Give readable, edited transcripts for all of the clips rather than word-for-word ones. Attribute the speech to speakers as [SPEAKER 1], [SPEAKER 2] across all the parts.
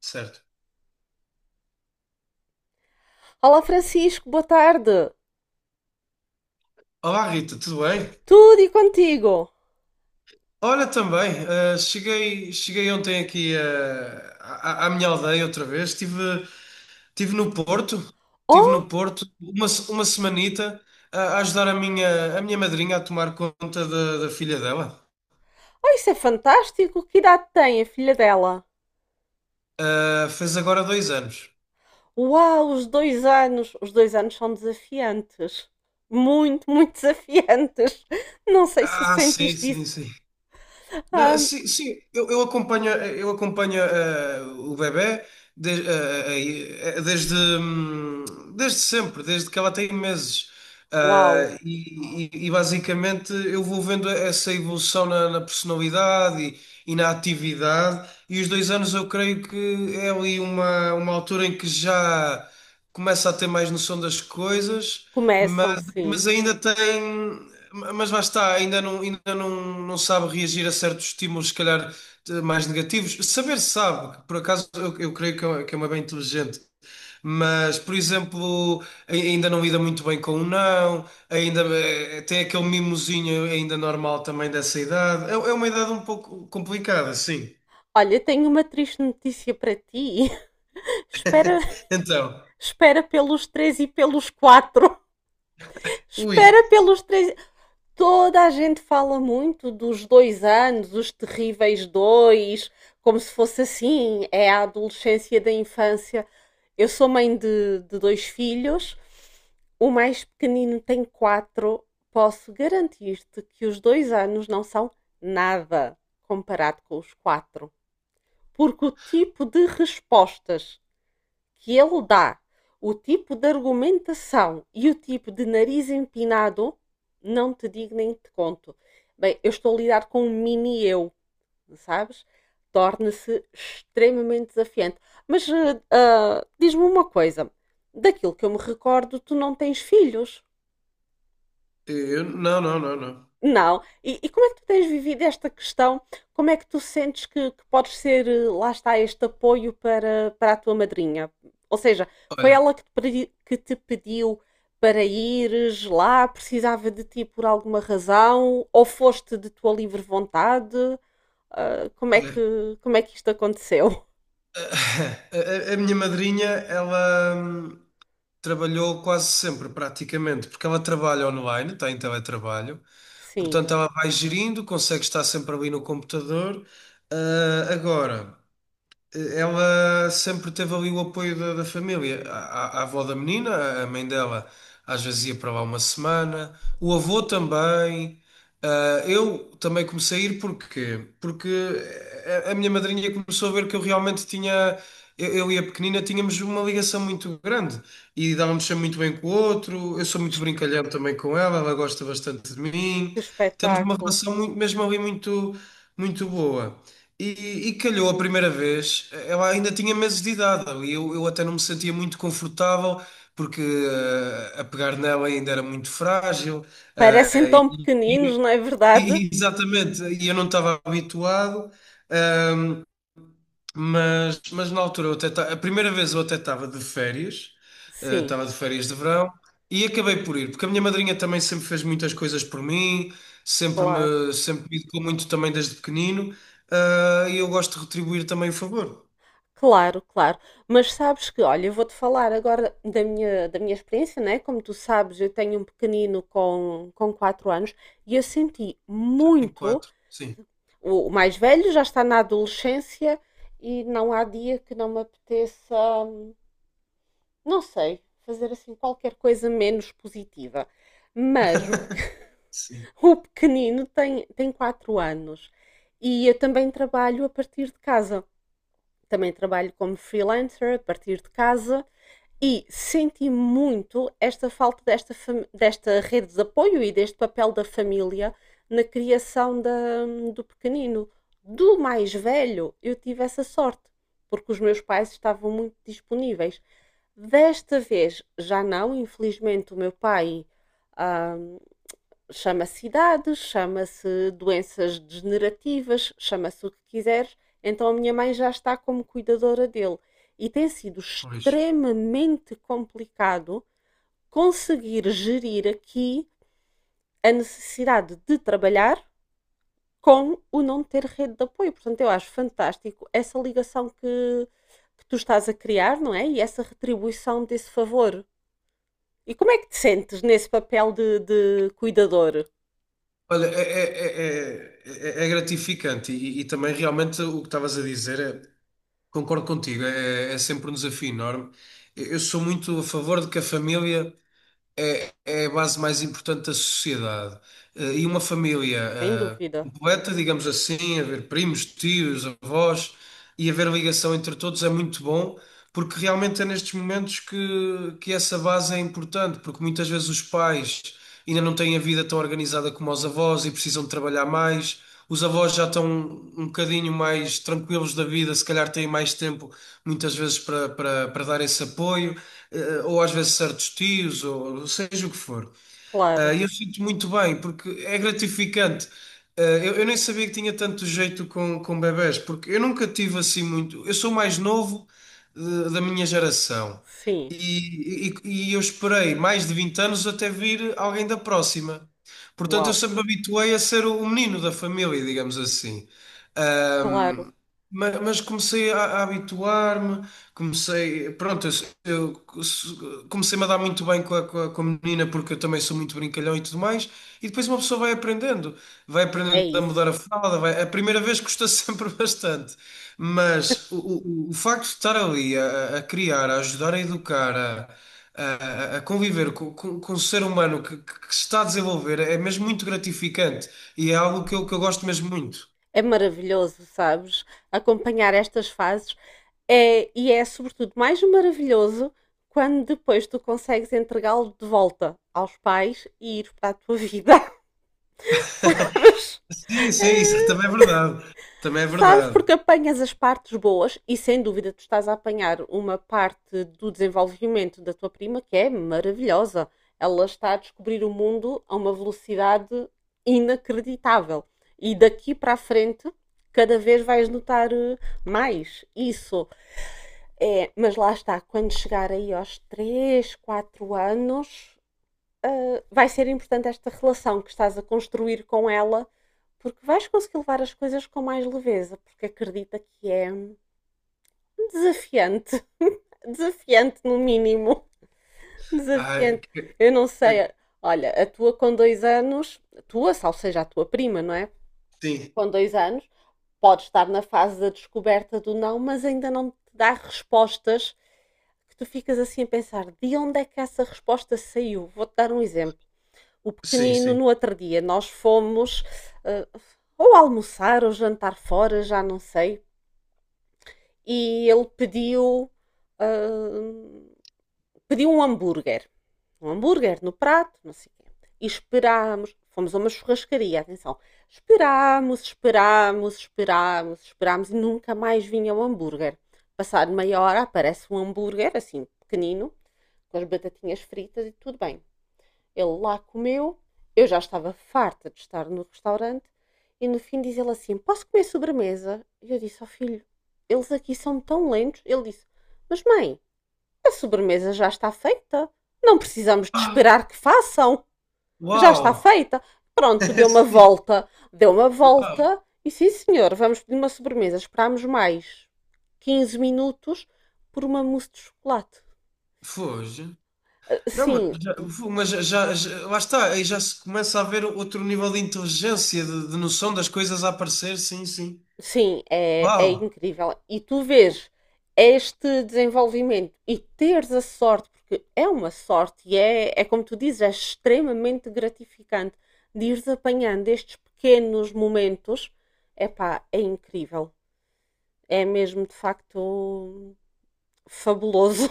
[SPEAKER 1] Certo.
[SPEAKER 2] Olá Francisco, boa tarde.
[SPEAKER 1] Olá, Rita, tudo bem?
[SPEAKER 2] Tudo e contigo?
[SPEAKER 1] Olha, também, cheguei ontem aqui à minha aldeia outra vez. Estive no Porto, estive no
[SPEAKER 2] Oh,
[SPEAKER 1] Porto uma, se- uma semanita a ajudar a minha madrinha a tomar conta da filha dela.
[SPEAKER 2] oh, isso é fantástico. Que idade tem a filha dela?
[SPEAKER 1] Fez agora 2 anos.
[SPEAKER 2] Uau, os 2 anos. Os dois anos são desafiantes. Muito, muito desafiantes. Não sei se
[SPEAKER 1] Ah, sim,
[SPEAKER 2] sentiste
[SPEAKER 1] sim,
[SPEAKER 2] isso.
[SPEAKER 1] sim. Não,
[SPEAKER 2] Ah,
[SPEAKER 1] sim, sim, eu acompanho, o bebé de- eh, eh, eh, desde, hum, desde sempre, desde que ela tem meses.
[SPEAKER 2] uau,
[SPEAKER 1] Ah, e basicamente eu vou vendo essa evolução na personalidade e na atividade, e os 2 anos eu creio que é ali uma altura em que já começa a ter mais noção das coisas, mas,
[SPEAKER 2] começam sim.
[SPEAKER 1] mas ainda tem. Mas lá está, ainda não, não sabe reagir a certos estímulos, se calhar mais negativos. Saber sabe, que por acaso eu creio que é uma bem inteligente. Mas, por exemplo, ainda não lida muito bem com o não, ainda tem aquele mimosinho ainda normal também dessa idade. É uma idade um pouco complicada, sim.
[SPEAKER 2] Olha, tenho uma triste notícia para ti. Espera,
[SPEAKER 1] Então,
[SPEAKER 2] espera pelos três e pelos quatro.
[SPEAKER 1] ui,
[SPEAKER 2] Espera pelos três. Toda a gente fala muito dos dois anos, os terríveis dois, como se fosse assim, é a adolescência da infância. Eu sou mãe de dois filhos, o mais pequenino tem quatro. Posso garantir-te que os dois anos não são nada comparado com os quatro, porque o tipo de respostas que ele dá, o tipo de argumentação e o tipo de nariz empinado, não te digo nem te conto. Bem, eu estou a lidar com um mini eu, sabes? Torna-se extremamente desafiante. Mas diz-me uma coisa: daquilo que eu me recordo, tu não tens filhos.
[SPEAKER 1] eu, não, não, não, não.
[SPEAKER 2] Não. E como é que tu tens vivido esta questão? Como é que tu sentes que podes ser, lá está, este apoio para a tua madrinha? Ou seja, foi
[SPEAKER 1] Olha,
[SPEAKER 2] ela que te pediu para ires lá, precisava de ti por alguma razão, ou foste de tua livre vontade? Ah, como é
[SPEAKER 1] olha,
[SPEAKER 2] que, como é que isto aconteceu?
[SPEAKER 1] a minha madrinha, ela trabalhou quase sempre, praticamente, porque ela trabalha online, está em teletrabalho,
[SPEAKER 2] Sim,
[SPEAKER 1] portanto ela vai gerindo, consegue estar sempre ali no computador. Ah, agora. Ela sempre teve ali o apoio da família. A avó da menina, a mãe dela, às vezes ia para lá uma semana. O avô também. Ah, eu também comecei a ir porquê? Porque a minha madrinha começou a ver que eu realmente tinha. Eu e a pequenina tínhamos uma ligação muito grande e dávamos sempre muito bem com o outro. Eu sou
[SPEAKER 2] que
[SPEAKER 1] muito
[SPEAKER 2] es-
[SPEAKER 1] brincalhão também com ela, ela gosta bastante de mim.
[SPEAKER 2] que
[SPEAKER 1] Temos uma
[SPEAKER 2] espetáculo.
[SPEAKER 1] relação muito, mesmo ali muito, muito boa. E calhou a primeira vez, ela ainda tinha meses de idade e eu até não me sentia muito confortável porque a pegar nela ainda era muito frágil,
[SPEAKER 2] Parecem
[SPEAKER 1] eh,
[SPEAKER 2] tão
[SPEAKER 1] e-
[SPEAKER 2] pequeninos, não
[SPEAKER 1] e-
[SPEAKER 2] é verdade?
[SPEAKER 1] exatamente, e eu não estava habituado. ehm, mas na altura eu até a primeira vez eu até estava de férias,
[SPEAKER 2] Sim,
[SPEAKER 1] estava de férias de verão e acabei por ir, porque a minha madrinha também sempre fez muitas coisas por mim, sempre
[SPEAKER 2] claro.
[SPEAKER 1] me, sempre me educou muito também desde pequenino, ah, e eu gosto de retribuir também o favor.
[SPEAKER 2] Claro, claro. Mas sabes que, olha, eu vou-te falar agora da minha experiência, né? Como tu sabes, eu tenho um pequenino com 4 anos e eu senti
[SPEAKER 1] Já tenho
[SPEAKER 2] muito.
[SPEAKER 1] quatro, sim.
[SPEAKER 2] O mais velho já está na adolescência e não há dia que não me apeteça, não sei, fazer assim qualquer coisa menos positiva. Mas o, pequ-
[SPEAKER 1] Sim,
[SPEAKER 2] o pequenino tem 4 anos e eu também trabalho a partir de casa. Também trabalho como freelancer a partir de casa e senti muito esta falta desta rede de apoio e deste papel da família na criação do pequenino. Do mais velho, eu tive essa sorte, porque os meus pais estavam muito disponíveis. Desta vez já não, infelizmente o meu pai ahm, Chama-se idades, chama-se doenças degenerativas, chama-se o que quiseres. Então a minha mãe já está como cuidadora dele. E tem sido
[SPEAKER 1] pois.
[SPEAKER 2] extremamente complicado conseguir gerir aqui a necessidade de trabalhar com o não ter rede de apoio. Portanto, eu acho fantástico essa ligação que tu estás a criar, não é? E essa retribuição desse favor. E como é que te sentes nesse papel de cuidador?
[SPEAKER 1] Olha, é gratificante e também realmente o que estavas a dizer, é, concordo contigo, é sempre um desafio enorme. Eu sou muito a favor de que a família é a base mais importante da sociedade. E uma família
[SPEAKER 2] Sem dúvida,
[SPEAKER 1] completa, digamos assim, haver primos, tios, avós e haver ligação entre todos é muito bom, porque realmente é nestes momentos que essa base é importante, porque muitas vezes os pais ainda não têm a vida tão organizada como os avós e precisam de trabalhar mais. Os avós já estão um bocadinho mais tranquilos da vida, se calhar têm mais tempo muitas vezes para dar esse apoio, ou às vezes certos tios, ou seja o que for. Ah,
[SPEAKER 2] claro.
[SPEAKER 1] e eu sinto muito bem, porque é gratificante. Ah, eu nem sabia que tinha tanto jeito com bebés, porque eu nunca tive assim muito. Eu sou o mais novo, da minha geração
[SPEAKER 2] Sim,
[SPEAKER 1] e, e- e eu esperei mais de 20 anos até vir alguém da próxima. Portanto, eu
[SPEAKER 2] uau,
[SPEAKER 1] sempre me habituei a ser o menino da família, digamos assim.
[SPEAKER 2] claro,
[SPEAKER 1] Mas comecei a habituar-me, comecei, pronto, eu se- comecei-me a dar muito bem com a menina porque eu também sou muito brincalhão e tudo mais, e depois uma pessoa vai
[SPEAKER 2] é
[SPEAKER 1] aprendendo a mudar
[SPEAKER 2] isso.
[SPEAKER 1] a fralda, a primeira vez custa sempre bastante, mas o facto de estar ali criar, a ajudar a educar, a- a conviver com um ser humano que se está a desenvolver é mesmo muito gratificante e é algo que eu gosto mesmo muito.
[SPEAKER 2] É maravilhoso, sabes? Acompanhar estas fases é sobretudo mais maravilhoso quando depois tu consegues entregá-lo de volta aos pais e ir para a tua vida, sabes?
[SPEAKER 1] Sim, sim, isso
[SPEAKER 2] É,
[SPEAKER 1] também é verdade. Também é
[SPEAKER 2] sabes
[SPEAKER 1] verdade.
[SPEAKER 2] porque apanhas as partes boas e sem dúvida tu estás a apanhar uma parte do desenvolvimento da tua prima que é maravilhosa. Ela está a descobrir o mundo a uma velocidade inacreditável. E daqui para a frente, cada vez vais notar mais isso. É, mas lá está, quando chegar aí aos 3 4 anos, vai ser importante esta relação que estás a construir com ela, porque vais conseguir levar as coisas com mais leveza, porque acredita que é desafiante, desafiante no mínimo,
[SPEAKER 1] Ai,
[SPEAKER 2] desafiante. Eu não
[SPEAKER 1] é
[SPEAKER 2] sei,
[SPEAKER 1] que-
[SPEAKER 2] olha, a tua com dois anos, a tua, ou seja, a tua prima, não é?
[SPEAKER 1] sim,
[SPEAKER 2] Com dois anos, pode estar na fase da descoberta do não, mas ainda não te dá respostas que tu ficas assim a pensar de onde é que essa resposta saiu. Vou-te dar um exemplo. O
[SPEAKER 1] sim,
[SPEAKER 2] pequenino,
[SPEAKER 1] sim.
[SPEAKER 2] no outro dia, nós fomos eh, ou almoçar ou jantar fora, já não sei, e ele eh, pediu um hambúrguer. Um hambúrguer no prato, não sei o quê. E esperámos, fomos a uma churrascaria, atenção. Esperámos, esperámos, esperámos, esperámos e nunca mais vinha o hambúrguer. Passado meia hora aparece um hambúrguer, assim, pequenino, com as batatinhas fritas e tudo bem. Ele lá comeu, eu já estava farta de estar no restaurante e no fim diz ele assim: Posso comer sobremesa? E eu disse ao filho: Eles aqui são tão lentos. Ele disse: Mas mãe, a sobremesa já está feita. Não precisamos de
[SPEAKER 1] Ah,
[SPEAKER 2] esperar que façam. Já está
[SPEAKER 1] uau!
[SPEAKER 2] feita. Pronto, deu uma
[SPEAKER 1] Sim,
[SPEAKER 2] volta. Deu uma
[SPEAKER 1] uau!
[SPEAKER 2] volta. E sim, senhor, vamos pedir uma sobremesa. Esperámos mais 15 minutos por uma mousse de chocolate.
[SPEAKER 1] Foge.
[SPEAKER 2] Ah,
[SPEAKER 1] Não,
[SPEAKER 2] sim,
[SPEAKER 1] mas já, lá está, aí já se começa a ver outro nível de inteligência, de noção das coisas a aparecer, sim, sim.
[SPEAKER 2] sim, é
[SPEAKER 1] Uau!
[SPEAKER 2] incrível. E tu vês este desenvolvimento e teres a sorte, porque é uma sorte e é como tu dizes, é extremamente gratificante de ires apanhando estes pequenos momentos. Epá, é incrível. É mesmo de facto fabuloso.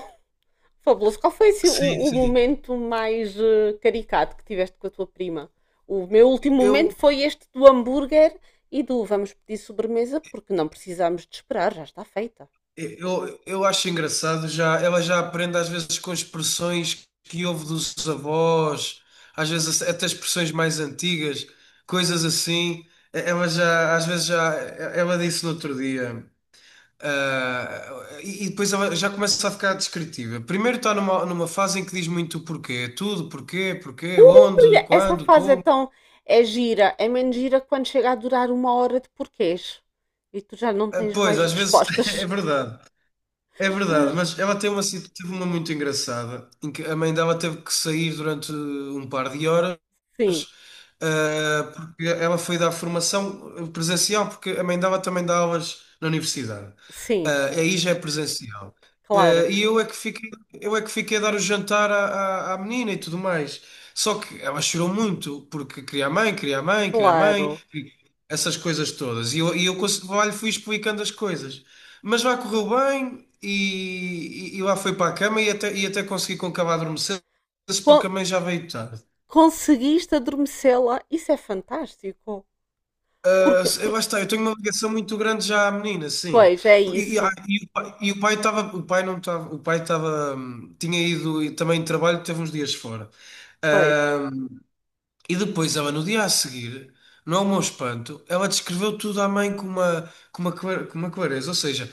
[SPEAKER 2] Fabuloso. Qual foi assim,
[SPEAKER 1] Sim,
[SPEAKER 2] o
[SPEAKER 1] sim.
[SPEAKER 2] momento mais caricato que tiveste com a tua prima? O meu último momento
[SPEAKER 1] Eu,
[SPEAKER 2] foi este do hambúrguer e do vamos pedir sobremesa porque não precisamos de esperar, já está feita.
[SPEAKER 1] eu acho engraçado, já, ela já aprende às vezes com expressões que houve dos avós, às vezes até expressões mais antigas, coisas assim. Ela já, às vezes já, ela disse no outro dia, ah, e depois ela já começa a ficar descritiva. Primeiro está numa fase em que diz muito o porquê, tudo, porquê, porquê, onde,
[SPEAKER 2] Ui, essa
[SPEAKER 1] quando,
[SPEAKER 2] fase é
[SPEAKER 1] como.
[SPEAKER 2] tão. É gira, é menos gira quando chega a durar uma hora de porquês e tu já não
[SPEAKER 1] Ah,
[SPEAKER 2] tens
[SPEAKER 1] pois,
[SPEAKER 2] mais
[SPEAKER 1] às vezes é
[SPEAKER 2] respostas.
[SPEAKER 1] verdade. É verdade, mas ela tem teve uma muito engraçada, em que a mãe dela teve que sair durante um par de horas.
[SPEAKER 2] Sim,
[SPEAKER 1] Porque ela foi dar formação presencial, porque a mãe dela também dá aulas na universidade.
[SPEAKER 2] sim,
[SPEAKER 1] Aí já é presencial.
[SPEAKER 2] claro,
[SPEAKER 1] E eu é que fiquei, a dar o jantar à menina e tudo mais. Só que ela chorou muito, porque queria a mãe, queria a mãe, queria a mãe,
[SPEAKER 2] claro.
[SPEAKER 1] essas coisas todas. Lá lhe fui explicando as coisas. Mas lá correu bem e lá foi para a cama e até consegui com que ela adormecesse, porque
[SPEAKER 2] Con-
[SPEAKER 1] a mãe já veio tarde.
[SPEAKER 2] Conseguiste adormecê-la, isso é fantástico. Porque,
[SPEAKER 1] Eu, lá
[SPEAKER 2] porque
[SPEAKER 1] está, eu tenho uma ligação muito grande já à menina, sim.
[SPEAKER 2] Pois, é
[SPEAKER 1] Por- E, e- ah,
[SPEAKER 2] isso.
[SPEAKER 1] e o pai estava, o pai não estava, o pai estava, tinha ido e também de trabalho, teve uns dias fora.
[SPEAKER 2] Pois.
[SPEAKER 1] Ahm, e depois ela, no dia a seguir, no meu espanto, ela descreveu tudo à mãe com uma clareza. Ou seja,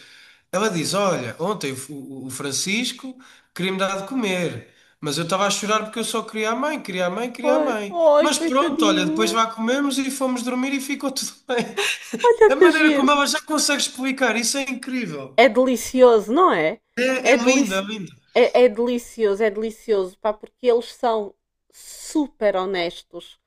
[SPEAKER 1] ela diz: Olha, ontem o Francisco queria-me dar de comer, mas eu estava a chorar porque eu só queria a mãe, queria a mãe, queria a
[SPEAKER 2] Pois.
[SPEAKER 1] mãe.
[SPEAKER 2] Ai,
[SPEAKER 1] Mas pronto, olha, depois
[SPEAKER 2] coitadinha.
[SPEAKER 1] vá comemos e fomos dormir e ficou tudo bem.
[SPEAKER 2] Olha
[SPEAKER 1] A
[SPEAKER 2] que
[SPEAKER 1] maneira
[SPEAKER 2] giro.
[SPEAKER 1] como ela já consegue explicar, isso é incrível.
[SPEAKER 2] É delicioso, não é?
[SPEAKER 1] É, É
[SPEAKER 2] É,
[SPEAKER 1] lindo, é
[SPEAKER 2] delici...
[SPEAKER 1] lindo.
[SPEAKER 2] é delicioso, é delicioso, pá, porque eles são super honestos.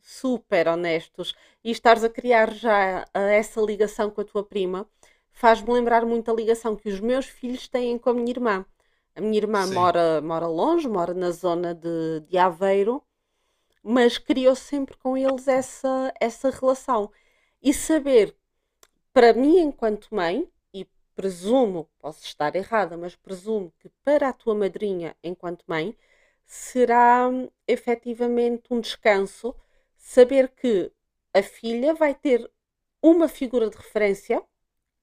[SPEAKER 2] Super honestos. E estares a criar já essa ligação com a tua prima faz-me lembrar muito a ligação que os meus filhos têm com a minha irmã. A minha irmã
[SPEAKER 1] Sim,
[SPEAKER 2] mora, mora longe, mora na zona de Aveiro mas criou sempre com eles essa relação. E saber, para mim, enquanto mãe, e presumo, posso estar errada, mas presumo que para a tua madrinha, enquanto mãe, será efetivamente um descanso saber que a filha vai ter uma figura de referência,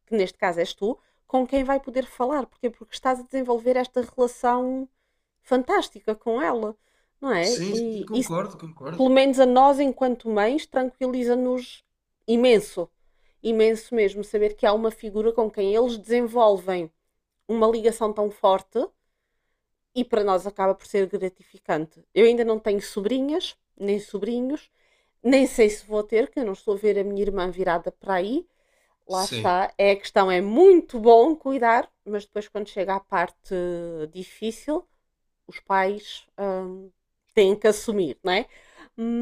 [SPEAKER 2] que neste caso és tu, com quem vai poder falar. Porquê? Porque estás a desenvolver esta relação fantástica com ela, não é?
[SPEAKER 1] sim, sim,
[SPEAKER 2] E isso
[SPEAKER 1] concordo, concordo.
[SPEAKER 2] pelo menos a nós, enquanto mães, tranquiliza-nos imenso. Imenso mesmo saber que há uma figura com quem eles desenvolvem uma ligação tão forte e para nós acaba por ser gratificante. Eu ainda não tenho sobrinhas, nem sobrinhos, nem sei se vou ter, que eu não estou a ver a minha irmã virada para aí. Lá
[SPEAKER 1] Sim,
[SPEAKER 2] está, é a questão, é muito bom cuidar, mas depois quando chega à parte difícil, os pais têm que assumir, não é?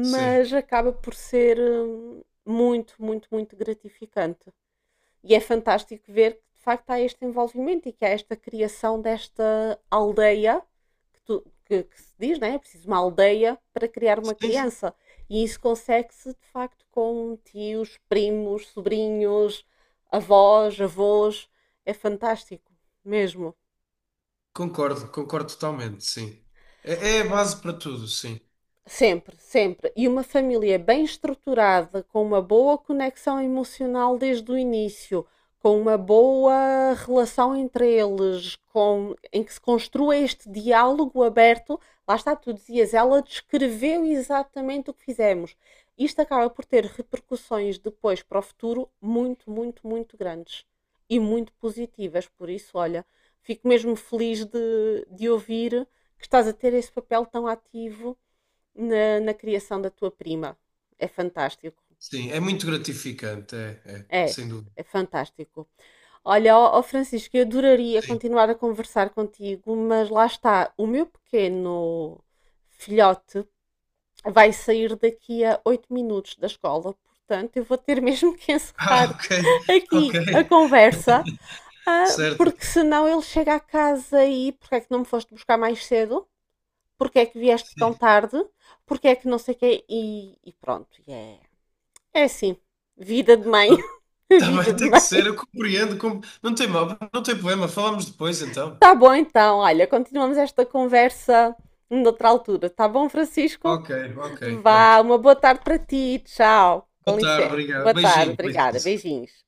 [SPEAKER 1] sim,
[SPEAKER 2] acaba por ser muito, muito, muito gratificante. E é fantástico ver que de facto há este envolvimento e que há esta criação desta aldeia que se diz, não é? É preciso uma aldeia para criar uma
[SPEAKER 1] sim, sim.
[SPEAKER 2] criança. E isso consegue-se de facto com tios, primos, sobrinhos, avós, avós. É fantástico, mesmo.
[SPEAKER 1] Concordo, concordo totalmente, sim. É a base para tudo, sim.
[SPEAKER 2] Sempre, sempre. E uma família bem estruturada, com uma boa conexão emocional desde o início, com uma boa relação entre eles, em que se construa este diálogo aberto. Lá está, tu dizias, ela descreveu exatamente o que fizemos. Isto acaba por ter repercussões depois para o futuro muito, muito, muito grandes e muito positivas. Por isso, olha, fico mesmo feliz de ouvir que estás a ter esse papel tão ativo na criação da tua prima. É fantástico.
[SPEAKER 1] Sim, é muito gratificante,
[SPEAKER 2] É,
[SPEAKER 1] sem dúvida.
[SPEAKER 2] é fantástico. Olha, ó, ó Francisco, eu adoraria
[SPEAKER 1] Sim.
[SPEAKER 2] continuar a conversar contigo, mas lá está, o meu pequeno filhote vai sair daqui a 8 minutos da escola, portanto, eu vou ter mesmo que encerrar
[SPEAKER 1] Ah, ok, ok,
[SPEAKER 2] aqui a conversa,
[SPEAKER 1] certo.
[SPEAKER 2] porque senão ele chega a casa e porque é que não me foste buscar mais cedo? Porque é que vieste tão tarde? Porque é que não sei o quê? E pronto, e é Yeah. É assim, vida de mãe,
[SPEAKER 1] Tá
[SPEAKER 2] vida
[SPEAKER 1] bem,
[SPEAKER 2] de
[SPEAKER 1] tem que ser,
[SPEAKER 2] mãe.
[SPEAKER 1] eu compreendo. Não tem mal, não tem problema, falamos depois então.
[SPEAKER 2] Tá bom então, olha, continuamos esta conversa noutra altura. Tá bom, Francisco?
[SPEAKER 1] Ok, ok, pronto.
[SPEAKER 2] Vá, uma boa tarde para ti, tchau. Com
[SPEAKER 1] Boa tarde,
[SPEAKER 2] licença.
[SPEAKER 1] obrigado.
[SPEAKER 2] Boa tarde,
[SPEAKER 1] Beijinho,
[SPEAKER 2] obrigada,
[SPEAKER 1] beijinho.
[SPEAKER 2] beijinhos.